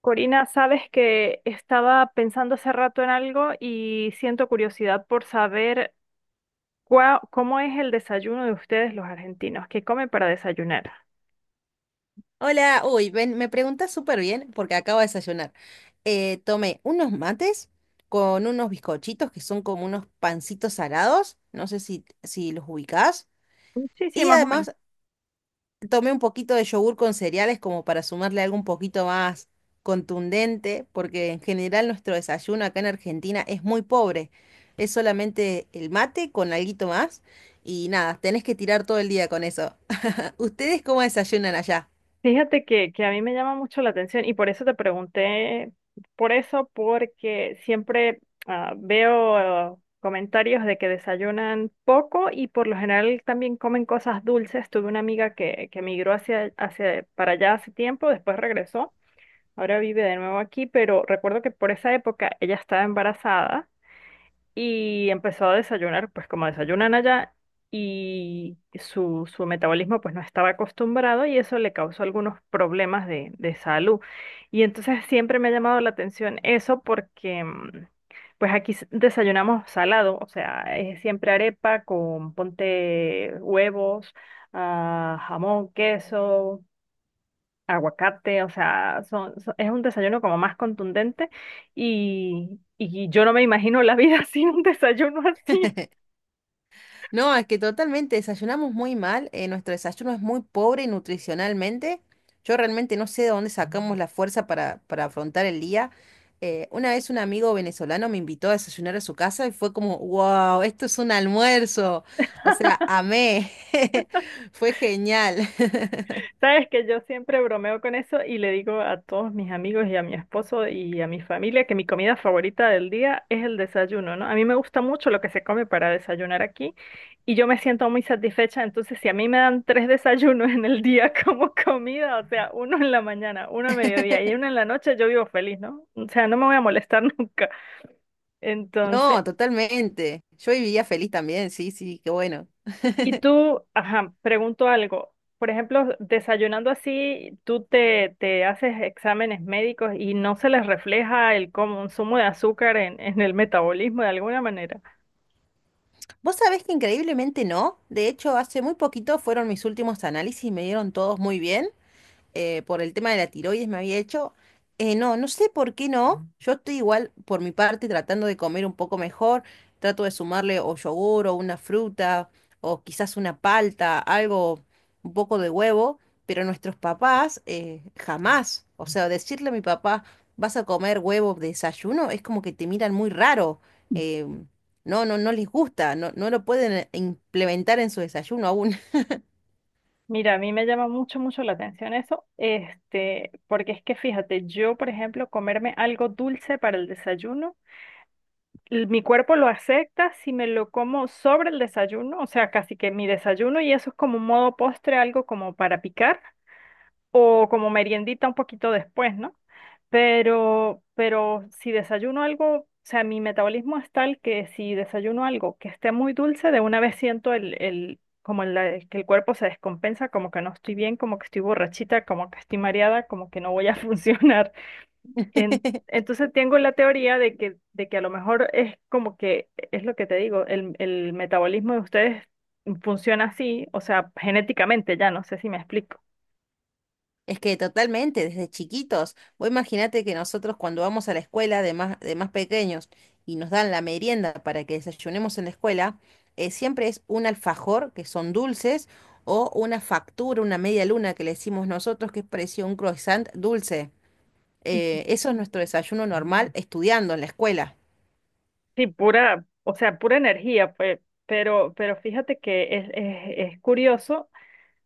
Corina, sabes que estaba pensando hace rato en algo y siento curiosidad por saber cómo es el desayuno de ustedes los argentinos, qué comen para desayunar. Hola, uy, ven, me preguntas súper bien porque acabo de desayunar. Tomé unos mates con unos bizcochitos que son como unos pancitos salados, no sé si los ubicás, Sí, sí, y más o menos. además tomé un poquito de yogur con cereales como para sumarle algo un poquito más contundente, porque en general nuestro desayuno acá en Argentina es muy pobre, es solamente el mate con alguito más y nada, tenés que tirar todo el día con eso. ¿Ustedes cómo desayunan allá? Fíjate que a mí me llama mucho la atención y por eso te pregunté, por eso, porque siempre veo comentarios de que desayunan poco y por lo general también comen cosas dulces. Tuve una amiga que migró para allá hace tiempo, después regresó. Ahora vive de nuevo aquí, pero recuerdo que por esa época ella estaba embarazada y empezó a desayunar, pues como desayunan allá, y su metabolismo pues no estaba acostumbrado y eso le causó algunos problemas de salud. Y entonces siempre me ha llamado la atención eso porque pues aquí desayunamos salado, o sea, es siempre arepa con ponte huevos, jamón, queso, aguacate, o sea, es un desayuno como más contundente y yo no me imagino la vida sin un desayuno así. No, es que totalmente desayunamos muy mal, nuestro desayuno es muy pobre nutricionalmente. Yo realmente no sé de dónde sacamos la fuerza para afrontar el día. Una vez un amigo venezolano me invitó a desayunar a su casa y fue como, wow, esto es un almuerzo. O sea, amé. Fue genial. Sabes que yo siempre bromeo con eso y le digo a todos mis amigos y a mi esposo y a mi familia que mi comida favorita del día es el desayuno, ¿no? A mí me gusta mucho lo que se come para desayunar aquí y yo me siento muy satisfecha, entonces si a mí me dan tres desayunos en el día como comida, o sea, uno en la mañana, uno a mediodía y uno en la noche, yo vivo feliz, ¿no? O sea, no me voy a molestar nunca. Entonces, No, totalmente. Yo vivía feliz también, sí, sí, qué bueno. y tú, ajá, pregunto algo. Por ejemplo, desayunando así, te haces exámenes médicos y no se les refleja el consumo de azúcar en el metabolismo de alguna manera. Vos sabés que increíblemente no. De hecho, hace muy poquito fueron mis últimos análisis y me dieron todos muy bien. Por el tema de la tiroides me había hecho. No, no sé por qué no. Yo estoy igual por mi parte tratando de comer un poco mejor. Trato de sumarle o yogur o una fruta o quizás una palta, algo, un poco de huevo. Pero nuestros papás jamás. O sea, decirle a mi papá, vas a comer huevo de desayuno, es como que te miran muy raro. eh, no les gusta, no, no lo pueden implementar en su desayuno aún. Mira, a mí me llama mucho, mucho la atención eso, este, porque es que fíjate, yo, por ejemplo, comerme algo dulce para el desayuno, mi cuerpo lo acepta si me lo como sobre el desayuno, o sea, casi que mi desayuno y eso es como un modo postre, algo como para picar, o como meriendita un poquito después, ¿no? Pero si desayuno algo, o sea, mi metabolismo es tal que si desayuno algo que esté muy dulce, de una vez siento como el que el cuerpo se descompensa, como que no estoy bien, como que estoy borrachita, como que estoy mareada, como que no voy a funcionar. En- entonces tengo la teoría de que a lo mejor es como que, es lo que te digo, el metabolismo de ustedes funciona así, o sea, genéticamente ya, no sé si me explico. Es que totalmente, desde chiquitos. Vos imaginate que nosotros cuando vamos a la escuela de más pequeños y nos dan la merienda para que desayunemos en la escuela, siempre es un alfajor, que son dulces, o una factura, una media luna que le decimos nosotros, que es parecido a un croissant dulce. Eso es nuestro desayuno normal estudiando en la escuela. Sí, pura, o sea, pura energía, pues, pero fíjate que es curioso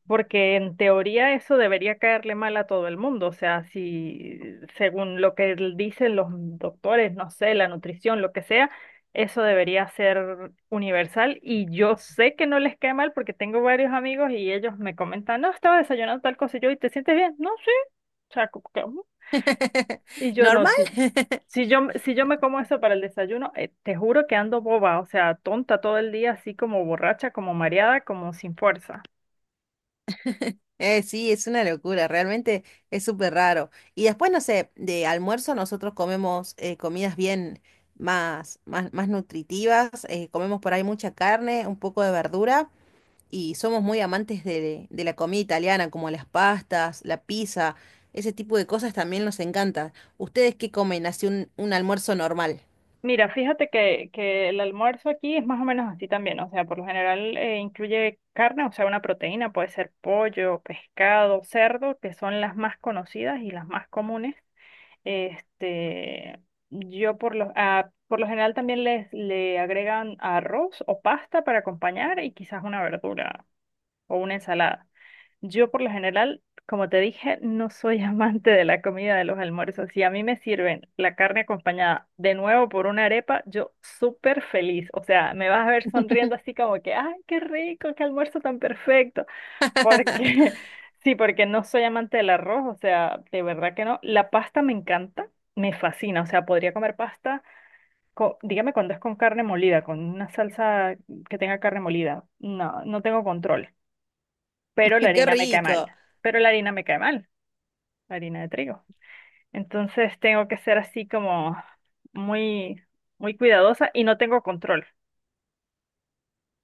porque en teoría eso debería caerle mal a todo el mundo, o sea, si según lo que dicen los doctores, no sé, la nutrición, lo que sea, eso debería ser universal y yo sé que no les cae mal porque tengo varios amigos y ellos me comentan, no, estaba desayunando tal cosa y yo, ¿y te sientes bien? No, sí, o sea, y yo no, Normal. si, si yo me como eso para el desayuno, te juro que ando boba, o sea, tonta todo el día, así como borracha, como mareada, como sin fuerza. Sí, es una locura, realmente es súper raro. Y después, no sé, de almuerzo nosotros comemos comidas bien más nutritivas, comemos por ahí mucha carne, un poco de verdura y somos muy amantes de la comida italiana, como las pastas, la pizza, ese tipo de cosas también nos encanta. ¿Ustedes qué comen? Así un almuerzo normal. Mira, fíjate que el almuerzo aquí es más o menos así también, o sea, por lo general incluye carne, o sea, una proteína, puede ser pollo, pescado, cerdo, que son las más conocidas y las más comunes. Este, yo por lo, por lo general también le agregan arroz o pasta para acompañar y quizás una verdura o una ensalada. Yo por lo general, como te dije, no soy amante de la comida de los almuerzos. Si a mí me sirven la carne acompañada de nuevo por una arepa, yo súper feliz. O sea, me vas a ver sonriendo así como que, ay, qué rico, qué almuerzo tan perfecto. Porque, sí, porque no soy amante del arroz, o sea, de verdad que no. La pasta me encanta, me fascina. O sea, podría comer pasta, dígame cuando es con carne molida, con una salsa que tenga carne molida. No, no tengo control, pero la ¡Qué harina me cae rico! mal, la harina de trigo. Entonces tengo que ser así como muy, muy cuidadosa y no tengo control.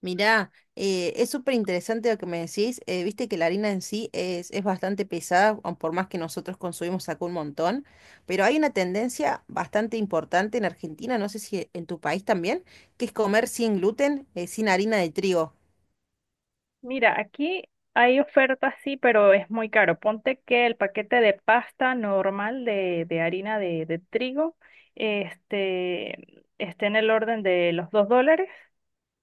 Mirá, es súper interesante lo que me decís. Viste que la harina en sí es bastante pesada, aun por más que nosotros consumimos acá un montón, pero hay una tendencia bastante importante en Argentina, no sé si en tu país también, que es comer sin gluten, sin harina de trigo. Mira, aquí hay ofertas, sí, pero es muy caro. Ponte que el paquete de pasta normal de harina de trigo esté en el orden de los $2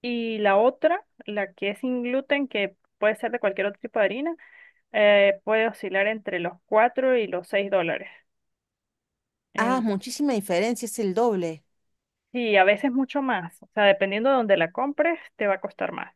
y la otra, la que es sin gluten, que puede ser de cualquier otro tipo de harina, puede oscilar entre los 4 y los $6. Ah, En- muchísima diferencia, es el doble. sí, a veces mucho más. O sea, dependiendo de dónde la compres, te va a costar más.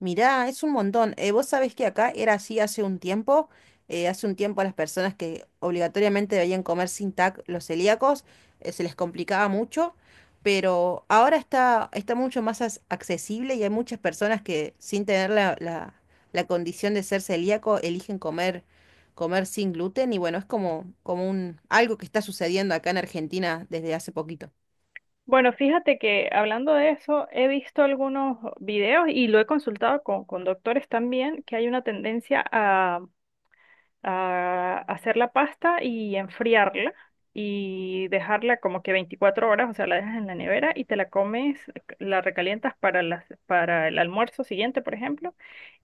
Mirá, es un montón. Vos sabés que acá era así hace un tiempo. Hace un tiempo a las personas que obligatoriamente debían comer sin TAC los celíacos, se les complicaba mucho, pero ahora está mucho más accesible y hay muchas personas que sin tener la condición de ser celíaco eligen comer sin gluten y bueno, es como, como un, algo que está sucediendo acá en Argentina desde hace poquito. Bueno, fíjate que hablando de eso, he visto algunos videos y lo he consultado con doctores también, que hay una tendencia a hacer la pasta y enfriarla y dejarla como que 24 horas, o sea, la dejas en la nevera y te la comes, la recalientas para las, para el almuerzo siguiente, por ejemplo,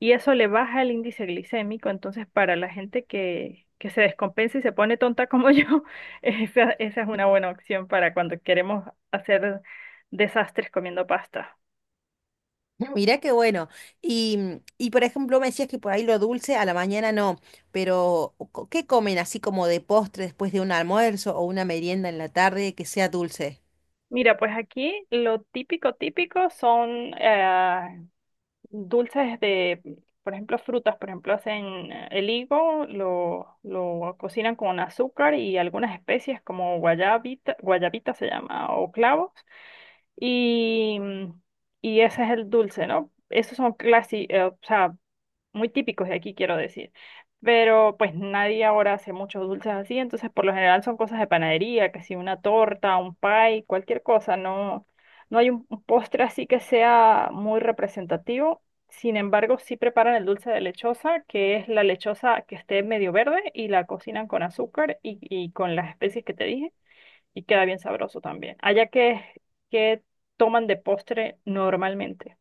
y eso le baja el índice glicémico, entonces para la gente que se descompensa y se pone tonta como yo, esa es una buena opción para cuando queremos hacer desastres comiendo pasta. Mirá qué bueno. Y, mm, y por ejemplo, me decías que por ahí lo dulce a la mañana no, pero ¿qué comen así como de postre después de un almuerzo o una merienda en la tarde que sea dulce? Mira, pues aquí lo típico, típico son eh, dulces de, por ejemplo, frutas, por ejemplo, hacen el higo, lo cocinan con azúcar y algunas especies como guayabita, guayabita se llama, o clavos, y, y ese es el dulce, ¿no? Esos son clásicos, muy típicos de aquí, quiero decir. Pero pues nadie ahora hace muchos dulces así, entonces por lo general son cosas de panadería, que si una torta, un pie, cualquier cosa, no, no hay un postre así que sea muy representativo. Sin embargo, sí preparan el dulce de lechosa, que es la lechosa que esté medio verde y la cocinan con azúcar y con las especies que te dije y queda bien sabroso también. Allá que toman de postre normalmente.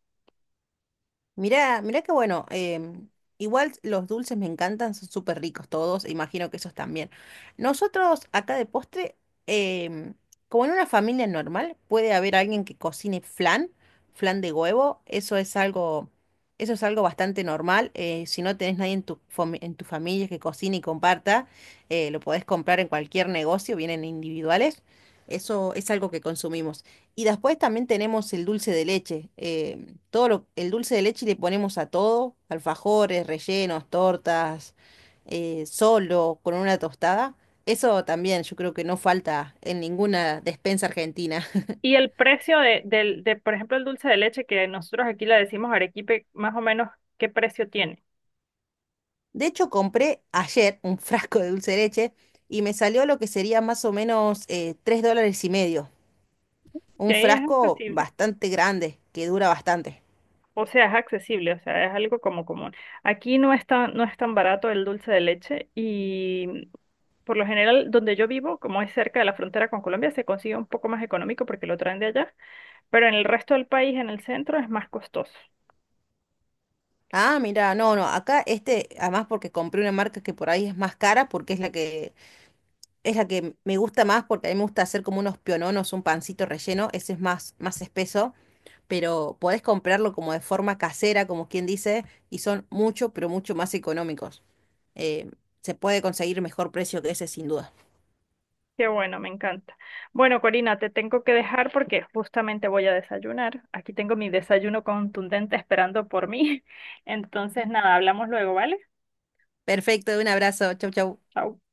Mirá, mirá qué bueno. Igual los dulces me encantan, son súper ricos todos, imagino que esos también. Nosotros acá de postre, em, como en una familia normal, puede haber alguien que cocine flan, flan de huevo, eso es algo bastante normal. Si no tenés nadie en tu, en tu familia que cocine y comparta, lo podés comprar en cualquier negocio, vienen individuales. Eso es algo que consumimos. Y después también tenemos el dulce de leche. Todo el dulce de leche le ponemos a todo, alfajores, rellenos, tortas, solo, con una tostada. Eso también yo creo que no falta en ninguna despensa argentina. Y el precio por ejemplo, el dulce de leche, que nosotros aquí le decimos arequipe, más o menos, ¿qué precio tiene? De hecho, compré ayer un frasco de dulce de leche y me salió lo que sería más o menos $3 y medio. Que Un ahí es frasco accesible. bastante grande, que dura bastante. O sea, es accesible, o sea, es algo como común. Aquí no es tan, no es tan barato el dulce de leche y por lo general, donde yo vivo, como es cerca de la frontera con Colombia, se consigue un poco más económico porque lo traen de allá, pero en el resto del país, en el centro, es más costoso. Ah, mira, no, no, acá este, además porque compré una marca que por ahí es más cara, porque es la que me gusta más porque a mí me gusta hacer como unos piononos, un pancito relleno, ese es más espeso, pero podés comprarlo como de forma casera, como quien dice, y son mucho, pero mucho más económicos. Eh, Se puede conseguir mejor precio que ese sin duda. Qué bueno, me encanta. Bueno, Corina, te tengo que dejar porque justamente voy a desayunar. Aquí tengo mi desayuno contundente esperando por mí. Entonces, nada, hablamos luego, ¿vale? Perfecto, un abrazo, chau chau. Chao.